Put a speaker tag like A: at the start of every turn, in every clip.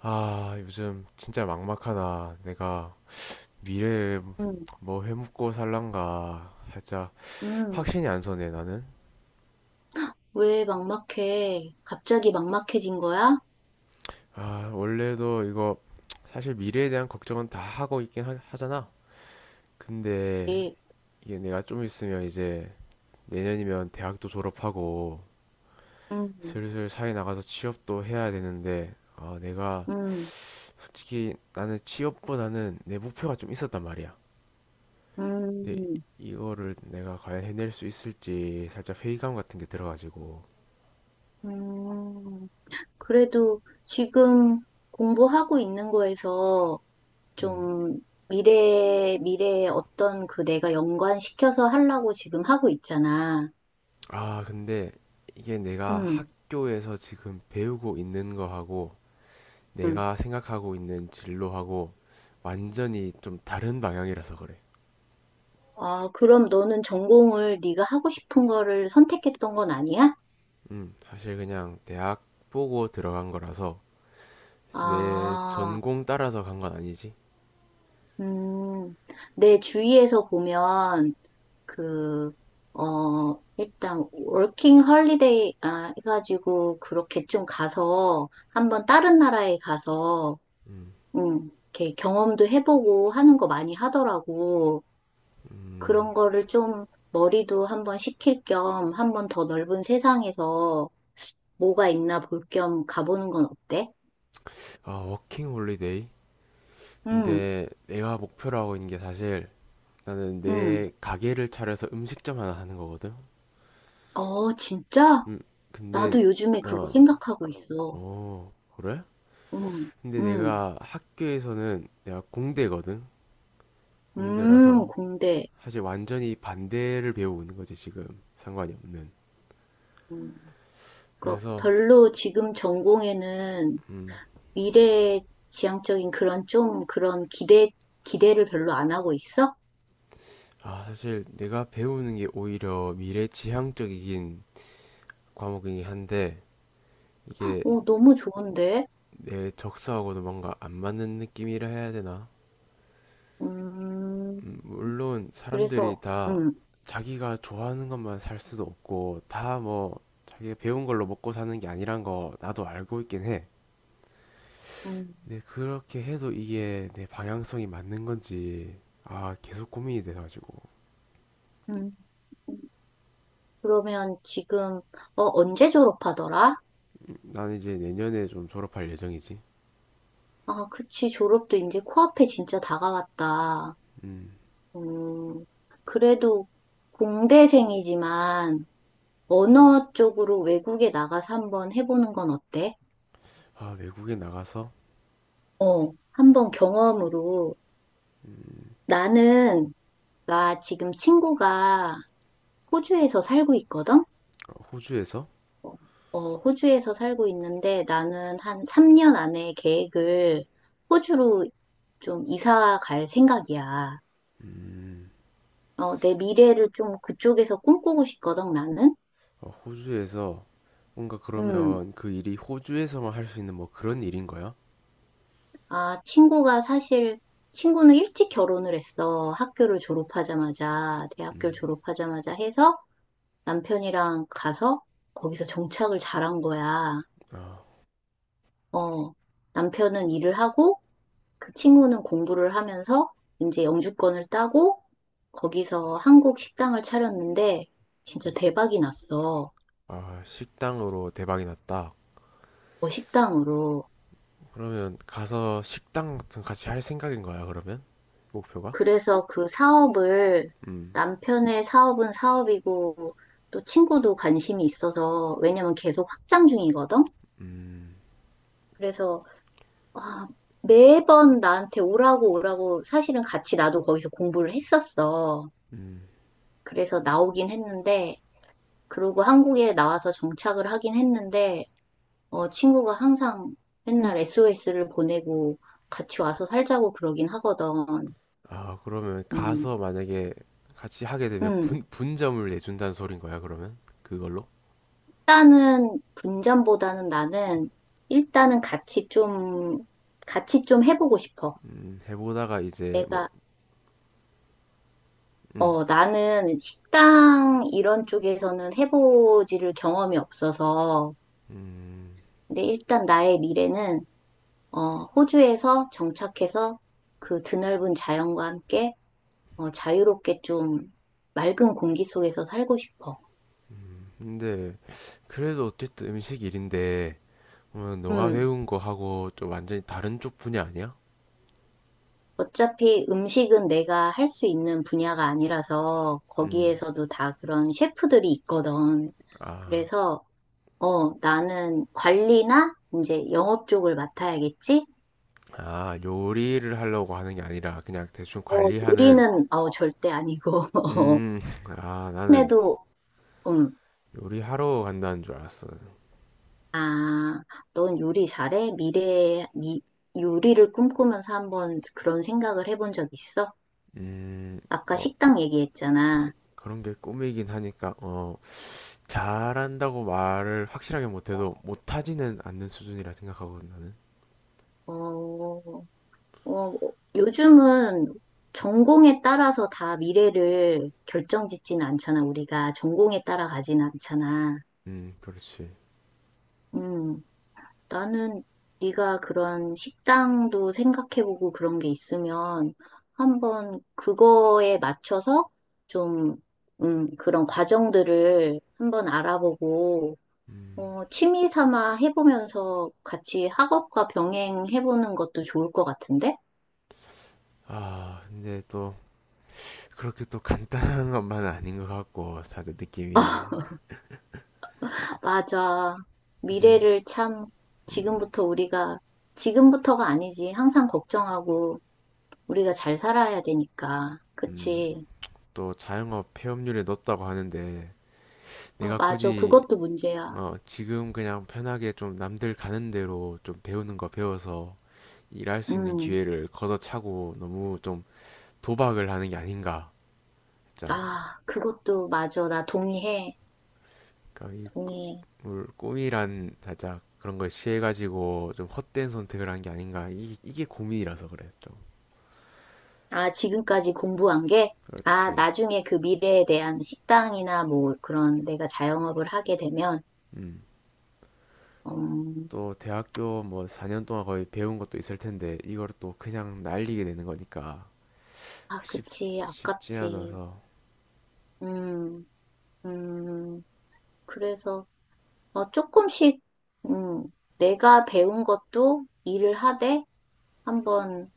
A: 아, 요즘 진짜 막막하다. 내가 미래에
B: 응,
A: 뭐 해먹고 살란가. 살짝
B: 응.
A: 확신이 안 서네, 나는.
B: 왜 막막해? 갑자기 막막해진 거야?
A: 아, 원래도 이거 사실 미래에 대한 걱정은 다 하고 있긴 하잖아. 근데
B: 예,
A: 이게 내가 좀 있으면 이제 내년이면 대학도 졸업하고
B: 응,
A: 슬슬 사회 나가서 취업도 해야 되는데, 아, 내가
B: 응,
A: 솔직히 나는 취업보다는 내 목표가 좀 있었단 말이야. 근데
B: 응,
A: 이거를 내가 과연 해낼 수 있을지 살짝 회의감 같은 게 들어가지고.
B: 응. 그래도 지금 공부하고 있는 거에서
A: 음.
B: 좀 미래에 어떤 그 내가 연관시켜서 하려고 지금 하고 있잖아.
A: 아, 근데 이게 내가
B: 응,
A: 학교에서 지금 배우고 있는 거하고
B: 응.
A: 내가 생각하고 있는 진로하고 완전히 좀 다른 방향이라서 그래.
B: 아, 그럼 너는 전공을 네가 하고 싶은 거를 선택했던 건 아니야?
A: 사실 그냥 대학 보고 들어간 거라서 내
B: 아.
A: 전공 따라서 간 건 아니지.
B: 음, 내 주위에서 보면, 그, 일단, 워킹 헐리데이, 해가지고, 그렇게 좀 가서, 한번 다른 나라에 가서,
A: 음,
B: 이렇게 경험도 해보고 하는 거 많이 하더라고.
A: 음,
B: 그런 거를 좀, 머리도 한번 식힐 겸, 한번 더 넓은 세상에서 뭐가 있나 볼 겸 가보는 건 어때?
A: 아, 워킹 홀리데이?
B: 음,
A: 근데 내가 목표로 하고 있는 게 사실 나는
B: 음.
A: 내 가게를 차려서 음식점 하나 하는 거거든.
B: 어, 진짜?
A: 음, 근데
B: 나도 요즘에 그거
A: 어,
B: 생각하고 있어.
A: 어, 그래?
B: 음,
A: 근데
B: 음,
A: 내가 학교에서는 내가 공대거든. 공대라서
B: 공대.
A: 사실 완전히 반대를 배우는 거지 지금 상관이 없는.
B: 음, 그러니까
A: 그래서
B: 별로 지금 전공에는
A: 음,
B: 미래 지향적인 그런 좀 그런 기대를 별로 안 하고 있어?
A: 아, 사실 내가 배우는 게 오히려 미래 지향적이긴 과목이긴 한데 이게
B: 어, 너무 좋은데?
A: 내 적성하고도 뭔가 안 맞는 느낌이라 해야 되나?
B: 음,
A: 물론
B: 그래서,
A: 사람들이 다
B: 음,
A: 자기가 좋아하는 것만 살 수도 없고 다 뭐 자기가 배운 걸로 먹고 사는 게 아니란 거 나도 알고 있긴 해.
B: 음,
A: 근데 그렇게 해도 이게 내 방향성이 맞는 건지 아, 계속 고민이 돼가지고.
B: 음. 그러면 지금, 언제 졸업하더라?
A: 나는 이제 내년에 좀 졸업할 예정이지.
B: 아, 그치, 졸업도 이제 코앞에 진짜 다가왔다.
A: 음,
B: 음, 그래도 공대생이지만, 언어 쪽으로 외국에 나가서 한번 해보는 건 어때?
A: 아, 외국에 나가서
B: 어, 한번 경험으로. 나는, 나 지금 친구가 호주에서 살고 있거든?
A: 호주에서.
B: 어, 호주에서 살고 있는데 나는 한 3년 안에 계획을 호주로 좀 이사 갈 생각이야.
A: 음,
B: 내 미래를 좀 그쪽에서 꿈꾸고 싶거든, 나는?
A: 어, 호주에서 뭔가
B: 음,
A: 그러면 그 일이 호주에서만 할 수 있는 뭐 그런 일인 거야?
B: 아, 친구는 일찍 결혼을 했어. 대학교를 졸업하자마자 해서 남편이랑 가서 거기서 정착을 잘한 거야.
A: 아,
B: 어, 남편은 일을 하고 그 친구는 공부를 하면서 이제 영주권을 따고 거기서 한국 식당을 차렸는데 진짜 대박이 났어.
A: 아, 식당으로 대박이 났다.
B: 어, 식당으로.
A: 그러면 가서 식당 같은 거 같이 할 생각인 거야, 그러면? 목표가?
B: 그래서 그 사업을
A: 음,
B: 남편의 사업은 사업이고 또 친구도 관심이 있어서 왜냐면 계속 확장 중이거든.
A: 음,
B: 그래서 아, 매번 나한테 오라고 오라고 사실은 같이 나도 거기서 공부를 했었어.
A: 음.
B: 그래서 나오긴 했는데 그러고 한국에 나와서 정착을 하긴 했는데 친구가 항상 맨날 SOS를 보내고 같이 와서 살자고 그러긴 하거든.
A: 아, 그러면 가서
B: 음,
A: 만약에 같이 하게 되면
B: 음.
A: 분점을 내준다는 소린 거야, 그러면? 그걸로?
B: 일단은 분전보다는 나는 일단은 같이 좀 해보고 싶어.
A: 해보다가 이제 뭐,
B: 내가
A: 음,
B: 어 나는 식당 이런 쪽에서는 해보지를 경험이 없어서
A: 음.
B: 근데 일단 나의 미래는 호주에서 정착해서 그 드넓은 자연과 함께 자유롭게 좀 맑은 공기 속에서 살고 싶어.
A: 근데 그래도 어쨌든 음식 일인데, 어, 너가
B: 음.
A: 배운 거 하고 좀 완전히 다른 쪽 분야 아니야?
B: 어차피 음식은 내가 할 수 있는 분야가 아니라서
A: 음,
B: 거기에서도 다 그런 셰프들이 있거든.
A: 아,
B: 그래서 나는 관리나 이제 영업 쪽을 맡아야겠지?
A: 아, 요리를 하려고 하는 게 아니라 그냥 대충 관리하는.
B: 요리는 절대 아니고.
A: 음, 아, 나는
B: 근데도 음,
A: 요리하러 간다는 줄 알았어.
B: 아, 넌 요리 잘해? 미래에 요리를 꿈꾸면서 한번 그런 생각을 해본 적 있어?
A: 음,
B: 아까
A: 어,
B: 식당
A: 그,
B: 얘기했잖아.
A: 런게 꿈이긴 하니까, 어, 잘한다고 말을 확실하게 못해도 못하지는 않는 수준이라 생각하거든, 나는.
B: 어, 어, 요즘은 전공에 따라서 다 미래를 결정짓지는 않잖아. 우리가 전공에 따라 가진 않잖아.
A: 그렇지.
B: 음, 나는 네가 그런 식당도 생각해보고 그런 게 있으면 한번 그거에 맞춰서 좀, 그런 과정들을 한번 알아보고,
A: 음.
B: 취미 삼아 해보면서 같이 학업과 병행해보는 것도 좋을 것 같은데?
A: 아, 근데 또, 그렇게 또 간단한 것만은 아닌 것 같고, 다들 느낌이.
B: 맞아.
A: 사실,
B: 미래를 참
A: 음,
B: 지금부터 우리가, 지금부터가 아니지. 항상 걱정하고 우리가 잘 살아야 되니까.
A: 음,
B: 그치?
A: 또 자영업 폐업률에 넣었다고 하는데,
B: 어,
A: 내가
B: 맞아.
A: 굳이
B: 그것도 문제야.
A: 어, 지금 그냥 편하게 좀 남들 가는 대로 좀 배우는 거 배워서 일할 수 있는
B: 음.
A: 기회를 걷어차고 너무 좀 도박을 하는 게 아닌가. 진짜.
B: 아, 그것도 맞아. 나 동의해.
A: 그러니까 이
B: 동의해.
A: 꿈이란 살짝 그런 걸 취해가지고 좀 헛된 선택을 한 게 아닌가. 이게 고민이라서 그래, 좀.
B: 아, 지금까지 공부한 게? 아,
A: 그렇지.
B: 나중에 그 미래에 대한 식당이나 뭐 그런 내가 자영업을 하게 되면,
A: 음.
B: 음,
A: 또 대학교 뭐 4년 동안 거의 배운 것도 있을 텐데 이걸 또 그냥 날리게 되는 거니까
B: 아,
A: 쉽,
B: 그치.
A: 쉽지
B: 아깝지.
A: 않아서.
B: 음, 음. 그래서, 조금씩, 음, 내가 배운 것도 일을 하되 한번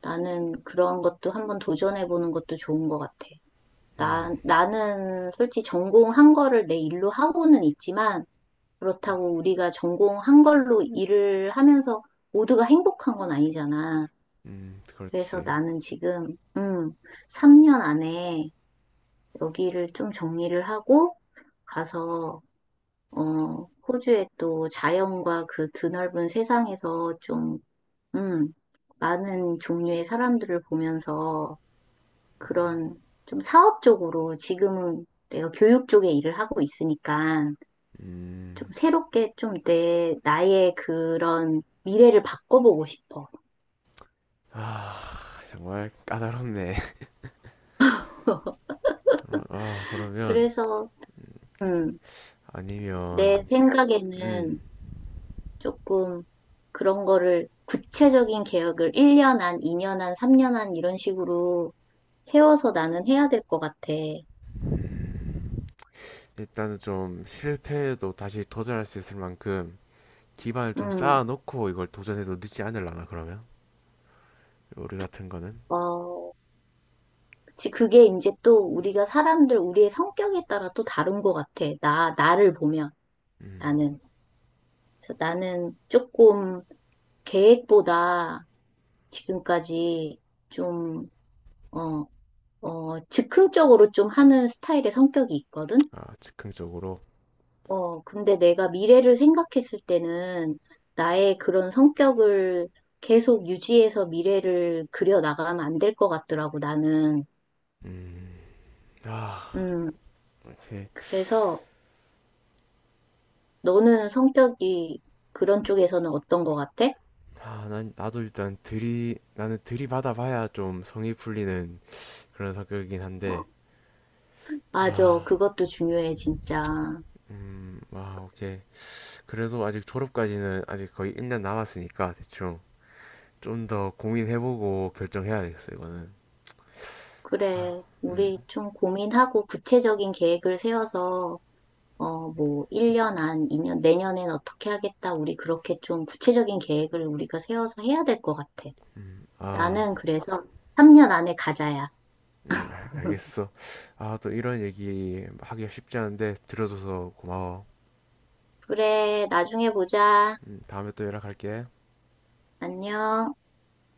B: 나는 그런 것도 한번 도전해보는 것도 좋은 것 같아.
A: 음,
B: 나는 솔직히 전공한 거를 내 일로 하고는 있지만 그렇다고 우리가 전공한 걸로 일을 하면서 모두가 행복한 건 아니잖아. 그래서
A: 그렇지.
B: 나는 지금, 3년 안에 여기를 좀 정리를 하고 가서 호주의 또 자연과 그 드넓은 세상에서 좀, 음, 많은 종류의 사람들을 보면서 그런 좀 사업적으로 지금은 내가 교육 쪽에 일을 하고 있으니까
A: 음.
B: 좀 새롭게 좀 나의 그런 미래를 바꿔보고 싶어.
A: 아, 정말 까다롭네. 아, 그러면
B: 그래서, 음,
A: 아니면
B: 내
A: 음.
B: 생각에는 조금 그런 거를 구체적인 계획을 1년 안, 2년 안, 3년 안 이런 식으로 세워서 나는 해야 될 것 같아.
A: 일단은 좀 실패해도 다시 도전할 수 있을 만큼 기반을 좀
B: 음,
A: 쌓아놓고 이걸 도전해도 늦지 않으려나, 그러면 요리 같은 거는.
B: 어, 그치. 그게 이제 또 우리가 사람들, 우리의 성격에 따라 또 다른 것 같아. 나를 보면
A: 음.
B: 나는. 그래서 나는 조금 계획보다 지금까지 좀, 어, 즉흥적으로 좀 하는 스타일의 성격이 있거든?
A: 아, 즉흥적으로.
B: 근데 내가 미래를 생각했을 때는 나의 그런 성격을 계속 유지해서 미래를 그려 나가면 안 될 것 같더라고, 나는.
A: 음. 아,
B: 음,
A: 이렇게
B: 그래서 너는 성격이 그런 쪽에서는 어떤 것 같아?
A: 아, 난 나도 일단 들이 나는 들이받아 봐야 좀 성이 풀리는 그런 성격이긴 한데
B: 맞아,
A: 아,
B: 그것도 중요해, 진짜.
A: 아, 오케이. 그래도 아직 졸업까지는 아직 거의 1년 남았으니까 대충 좀 더 고민해보고 결정해야 되겠어 이거는.
B: 그래,
A: 음,
B: 우리 좀 고민하고 구체적인 계획을 세워서, 뭐, 1년 안, 2년, 내년엔 어떻게 하겠다, 우리 그렇게 좀 구체적인 계획을 우리가 세워서 해야 될 것 같아.
A: 아,
B: 나는 그래서 3년 안에 가자야.
A: 알겠어. 아, 또 이런 얘기 하기가 쉽지 않은데 들어줘서 고마워.
B: 그래, 나중에 보자.
A: 다음에 또 연락할게.
B: 안녕.